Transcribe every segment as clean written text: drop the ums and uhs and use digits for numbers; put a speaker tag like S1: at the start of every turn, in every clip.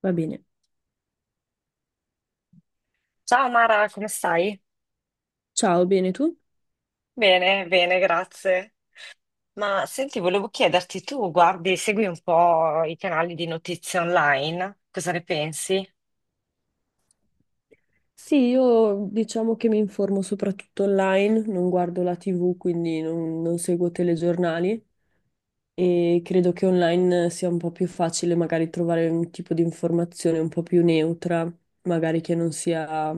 S1: Va bene.
S2: Ciao Mara, come stai?
S1: Ciao, bene tu?
S2: Bene, bene, grazie. Ma senti, volevo chiederti, tu guardi, segui un po' i canali di notizie online, cosa ne pensi?
S1: Sì, io diciamo che mi informo soprattutto online, non guardo la TV, quindi non seguo telegiornali, e credo che online sia un po' più facile magari trovare un tipo di informazione un po' più neutra, magari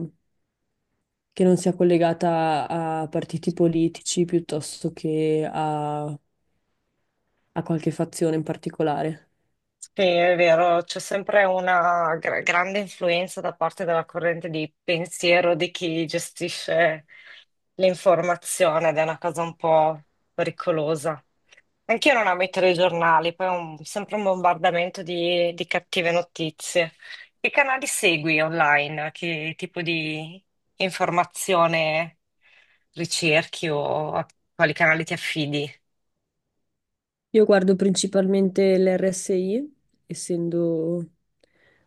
S1: che non sia collegata a partiti politici piuttosto che a qualche fazione in particolare.
S2: Sì, è vero, c'è sempre una grande influenza da parte della corrente di pensiero di chi gestisce l'informazione ed è una cosa un po' pericolosa. Anch'io non amo i telegiornali, poi sempre un bombardamento di cattive notizie. Che canali segui online? Che tipo di informazione ricerchi o a quali canali ti affidi?
S1: Io guardo principalmente l'RSI, essendo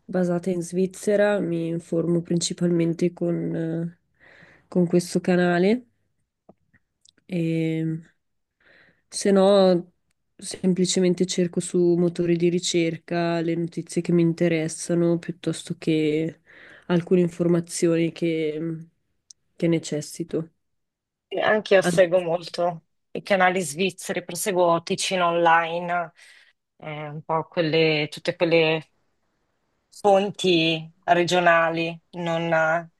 S1: basata in Svizzera, mi informo principalmente con questo canale e se no semplicemente cerco su motori di ricerca le notizie che mi interessano piuttosto che alcune che necessito.
S2: Anche io
S1: An-
S2: seguo molto i canali svizzeri, proseguo Ticino Online, un po' quelle, tutte quelle fonti regionali, non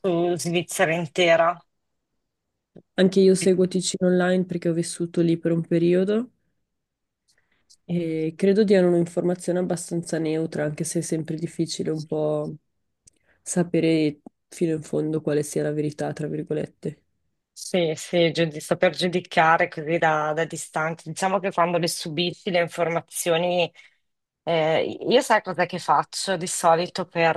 S2: su Svizzera intera.
S1: Anche io seguo Ticino Online perché ho vissuto lì per un periodo e credo diano un'informazione abbastanza neutra, anche se è sempre difficile un po' sapere fino in fondo quale sia la verità, tra virgolette.
S2: Sì, sì, saper giudicare così da distanza. Diciamo che quando le subisci le informazioni, io sai cosa che faccio di solito per,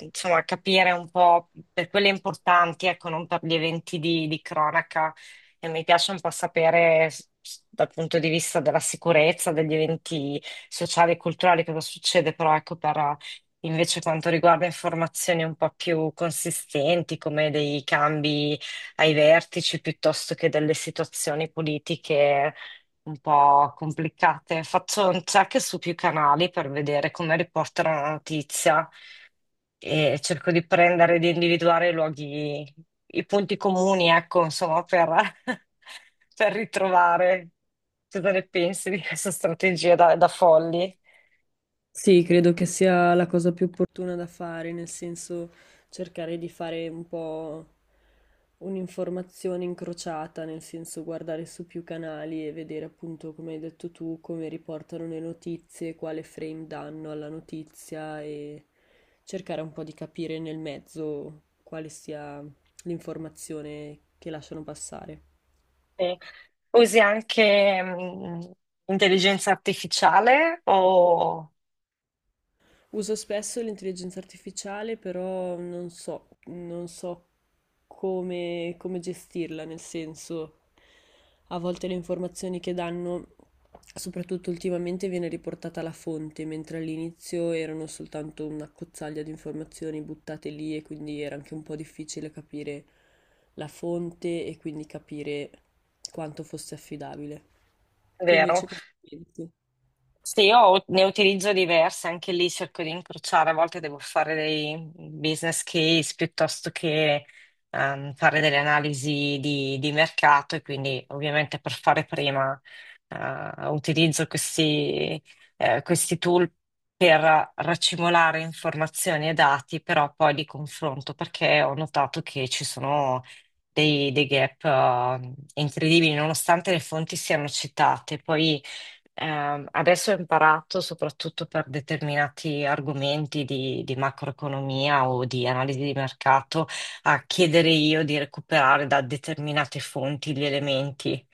S2: insomma, capire un po' per quelle importanti, ecco, non per gli eventi di cronaca. E mi piace un po' sapere dal punto di vista della sicurezza, degli eventi sociali e culturali cosa succede, però ecco invece quanto riguarda informazioni un po' più consistenti, come dei cambi ai vertici piuttosto che delle situazioni politiche un po' complicate. Faccio un check su più canali per vedere come riportano la notizia e cerco di prendere, di individuare i luoghi, i punti comuni, ecco, insomma, per, per ritrovare. Cosa ne pensi di questa strategia da folli?
S1: Sì, credo che sia la cosa più opportuna da fare, nel senso cercare di fare un po' un'informazione incrociata, nel senso guardare su più canali e vedere appunto, come hai detto tu, come riportano le notizie, quale frame danno alla notizia e cercare un po' di capire nel mezzo quale sia l'informazione che lasciano passare.
S2: Sì. Usi anche intelligenza artificiale o
S1: Uso spesso l'intelligenza artificiale, però non so come, come gestirla, nel senso, a volte le informazioni che danno, soprattutto ultimamente, viene riportata la fonte, mentre all'inizio erano soltanto una cozzaglia di informazioni buttate lì, e quindi era anche un po' difficile capire la fonte e quindi capire quanto fosse affidabile. Tu
S2: vero?
S1: invece cosa pensi?
S2: Sì, io ne utilizzo diverse, anche lì cerco di incrociare, a volte devo fare dei business case piuttosto che fare delle analisi di mercato e quindi ovviamente per fare prima, utilizzo questi, questi tool per raccimolare informazioni e dati, però poi li confronto perché ho notato che ci sono dei gap incredibili, nonostante le fonti siano citate. Poi adesso ho imparato soprattutto per determinati argomenti di macroeconomia o di analisi di mercato a chiedere io di recuperare da determinate fonti gli elementi,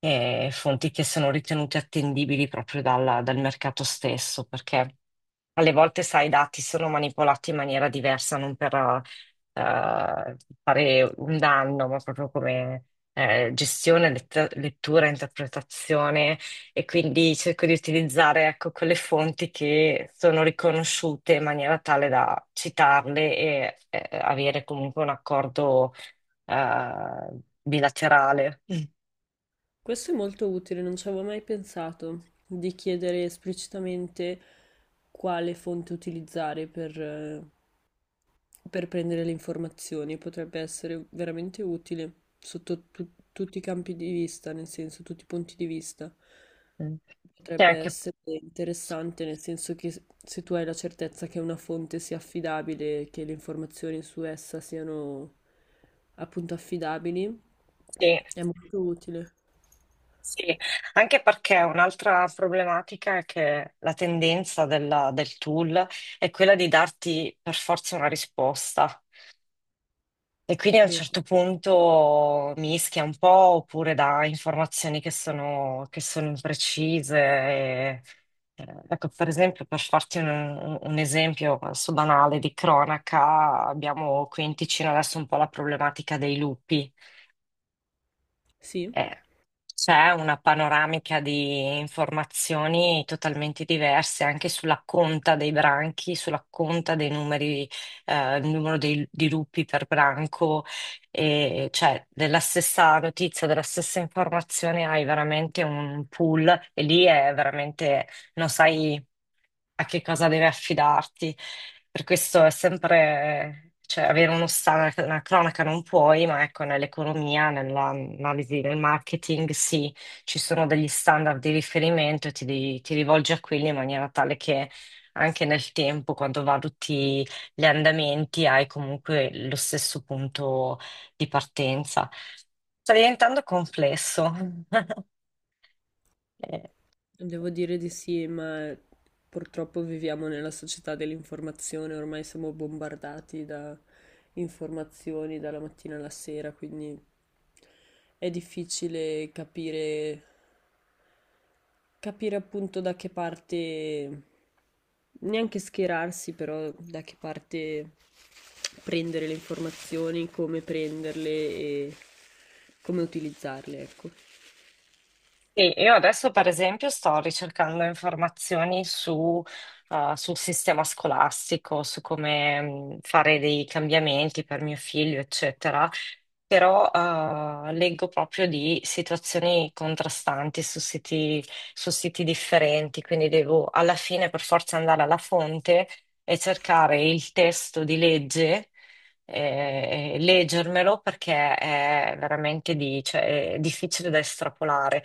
S2: fonti che sono ritenute attendibili proprio dal mercato stesso, perché alle volte, sai, i dati sono manipolati in maniera diversa, non per fare un danno, ma proprio come gestione, lettura, interpretazione. E quindi cerco di utilizzare, ecco, quelle fonti che sono riconosciute in maniera tale da citarle e avere comunque un accordo bilaterale.
S1: Questo è molto utile, non ci avevo mai pensato di chiedere esplicitamente quale fonte utilizzare per prendere le informazioni. Potrebbe essere veramente utile sotto tutti i campi di vista, nel senso, tutti i punti di vista.
S2: Mm. E
S1: Potrebbe
S2: anche,
S1: essere interessante, nel senso che se tu hai la certezza che una fonte sia affidabile, che le informazioni su essa siano appunto affidabili,
S2: sì.
S1: è molto utile,
S2: Sì, anche perché un'altra problematica è che la tendenza del tool è quella di darti per forza una risposta e quindi a un
S1: vero?
S2: certo punto mischia un po' oppure dà informazioni che sono imprecise. Ecco, per esempio, per farti un esempio adesso banale di cronaca, abbiamo qui in Ticino adesso un po' la problematica dei lupi.
S1: Sì.
S2: Eh, C'è una panoramica di informazioni totalmente diverse anche sulla conta dei branchi, sulla conta dei numeri, il numero di lupi per branco, e cioè della stessa notizia, della stessa informazione hai veramente un pool e lì è veramente non sai a che cosa deve affidarti. Per questo è sempre, cioè, avere uno una cronaca non puoi, ma ecco, nell'economia, nell'analisi del marketing, sì, ci sono degli standard di riferimento e ti, ti rivolgi a quelli in maniera tale che anche nel tempo, quando valuti gli andamenti, hai comunque lo stesso punto di partenza. Sta diventando complesso. Eh,
S1: Devo dire di sì, ma purtroppo viviamo nella società dell'informazione, ormai siamo bombardati da informazioni dalla mattina alla sera, quindi è difficile capire, capire appunto da che parte, neanche schierarsi, però da che parte prendere le informazioni, come prenderle e come utilizzarle, ecco.
S2: Sì, io adesso per esempio sto ricercando informazioni su, sul sistema scolastico, su come fare dei cambiamenti per mio figlio, eccetera, però leggo proprio di situazioni contrastanti su siti differenti, quindi devo alla fine per forza andare alla fonte e cercare il testo di legge, leggermelo perché è veramente cioè, è difficile da estrapolare.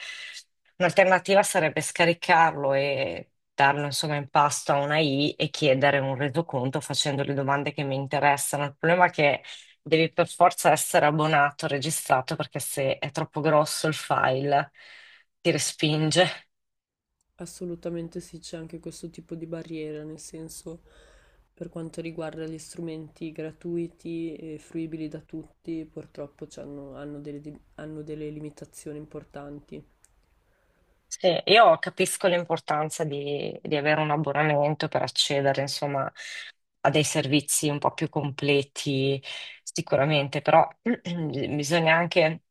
S2: Un'alternativa sarebbe scaricarlo e darlo insomma in pasto a una I e chiedere un resoconto facendo le domande che mi interessano. Il problema è che devi per forza essere abbonato, registrato, perché se è troppo grosso il file ti respinge.
S1: Assolutamente sì, c'è anche questo tipo di barriera, nel senso per quanto riguarda gli strumenti gratuiti e fruibili da tutti, purtroppo hanno hanno delle limitazioni importanti.
S2: Sì, io capisco l'importanza di avere un abbonamento per accedere, insomma, a dei servizi un po' più completi, sicuramente, però bisogna anche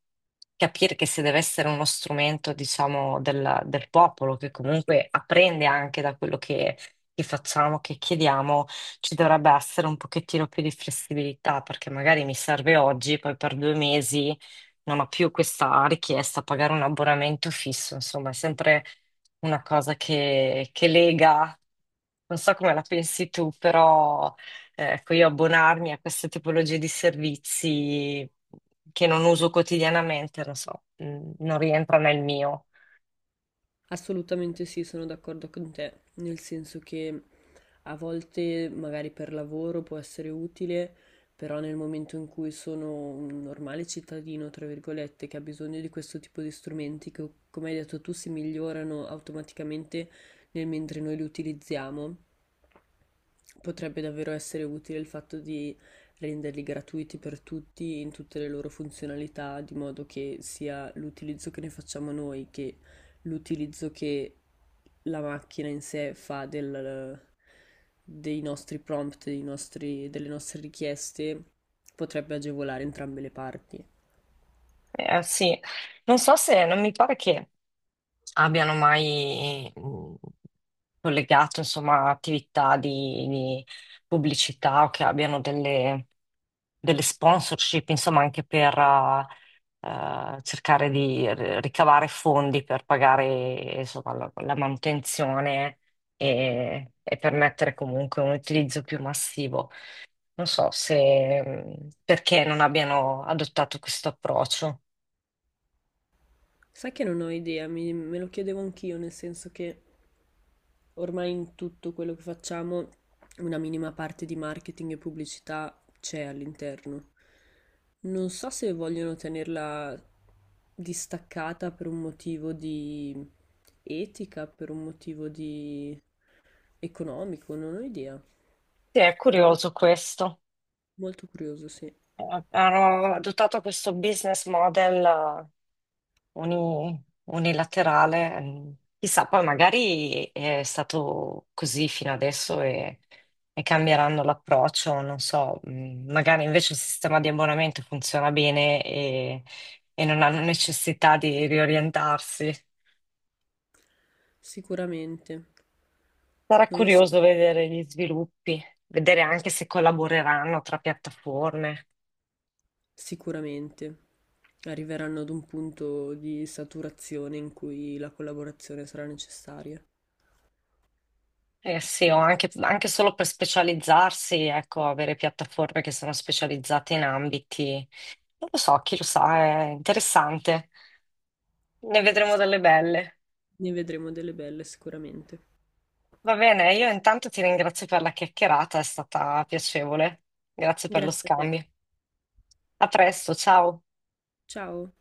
S2: capire che se deve essere uno strumento, diciamo, del popolo, che comunque apprende anche da quello che facciamo, che chiediamo, ci dovrebbe essere un pochettino più di flessibilità, perché magari mi serve oggi, poi per 2 mesi non ho più questa richiesta a pagare un abbonamento fisso, insomma, è sempre una cosa che lega. Non so come la pensi tu, però ecco, io abbonarmi a queste tipologie di servizi che non uso quotidianamente, non so, non rientra nel mio.
S1: Assolutamente sì, sono d'accordo con te, nel senso che a volte magari per lavoro può essere utile, però nel momento in cui sono un normale cittadino, tra virgolette, che ha bisogno di questo tipo di strumenti che, come hai detto tu, si migliorano automaticamente nel mentre noi li utilizziamo, potrebbe davvero essere utile il fatto di renderli gratuiti per tutti in tutte le loro funzionalità, di modo che sia l'utilizzo che ne facciamo noi che l'utilizzo che la macchina in sé fa dei nostri prompt, delle nostre richieste, potrebbe agevolare entrambe le parti.
S2: Sì, non so se non mi pare che abbiano mai collegato, insomma, attività di pubblicità o che abbiano delle sponsorship, insomma, anche per cercare di ricavare fondi per pagare, insomma, la manutenzione e permettere comunque un utilizzo più massivo. Non so se perché non abbiano adottato questo approccio.
S1: Sai che non ho idea, me lo chiedevo anch'io, nel senso che ormai in tutto quello che facciamo una minima parte di marketing e pubblicità c'è all'interno. Non so se vogliono tenerla distaccata per un motivo di etica, per un motivo di economico, non ho idea.
S2: Sì, è
S1: Però
S2: curioso questo.
S1: molto curioso, sì.
S2: Hanno adottato questo business model unilaterale. Chissà, poi magari è stato così fino adesso e cambieranno l'approccio, non so, magari invece il sistema di abbonamento funziona bene e non hanno necessità di riorientarsi.
S1: Sicuramente,
S2: Sarà
S1: non lo so,
S2: curioso vedere gli sviluppi, vedere anche se collaboreranno tra piattaforme.
S1: sicuramente arriveranno ad un punto di saturazione in cui la collaborazione sarà necessaria.
S2: Eh sì, o anche, anche solo per specializzarsi, ecco, avere piattaforme che sono specializzate in ambiti. Non lo so, chi lo sa, è interessante. Ne vedremo
S1: Sì.
S2: delle belle.
S1: Ne vedremo delle belle sicuramente.
S2: Va bene, io intanto ti ringrazio per la chiacchierata, è stata piacevole. Grazie per lo
S1: Grazie a te.
S2: scambio. A presto, ciao.
S1: Ciao.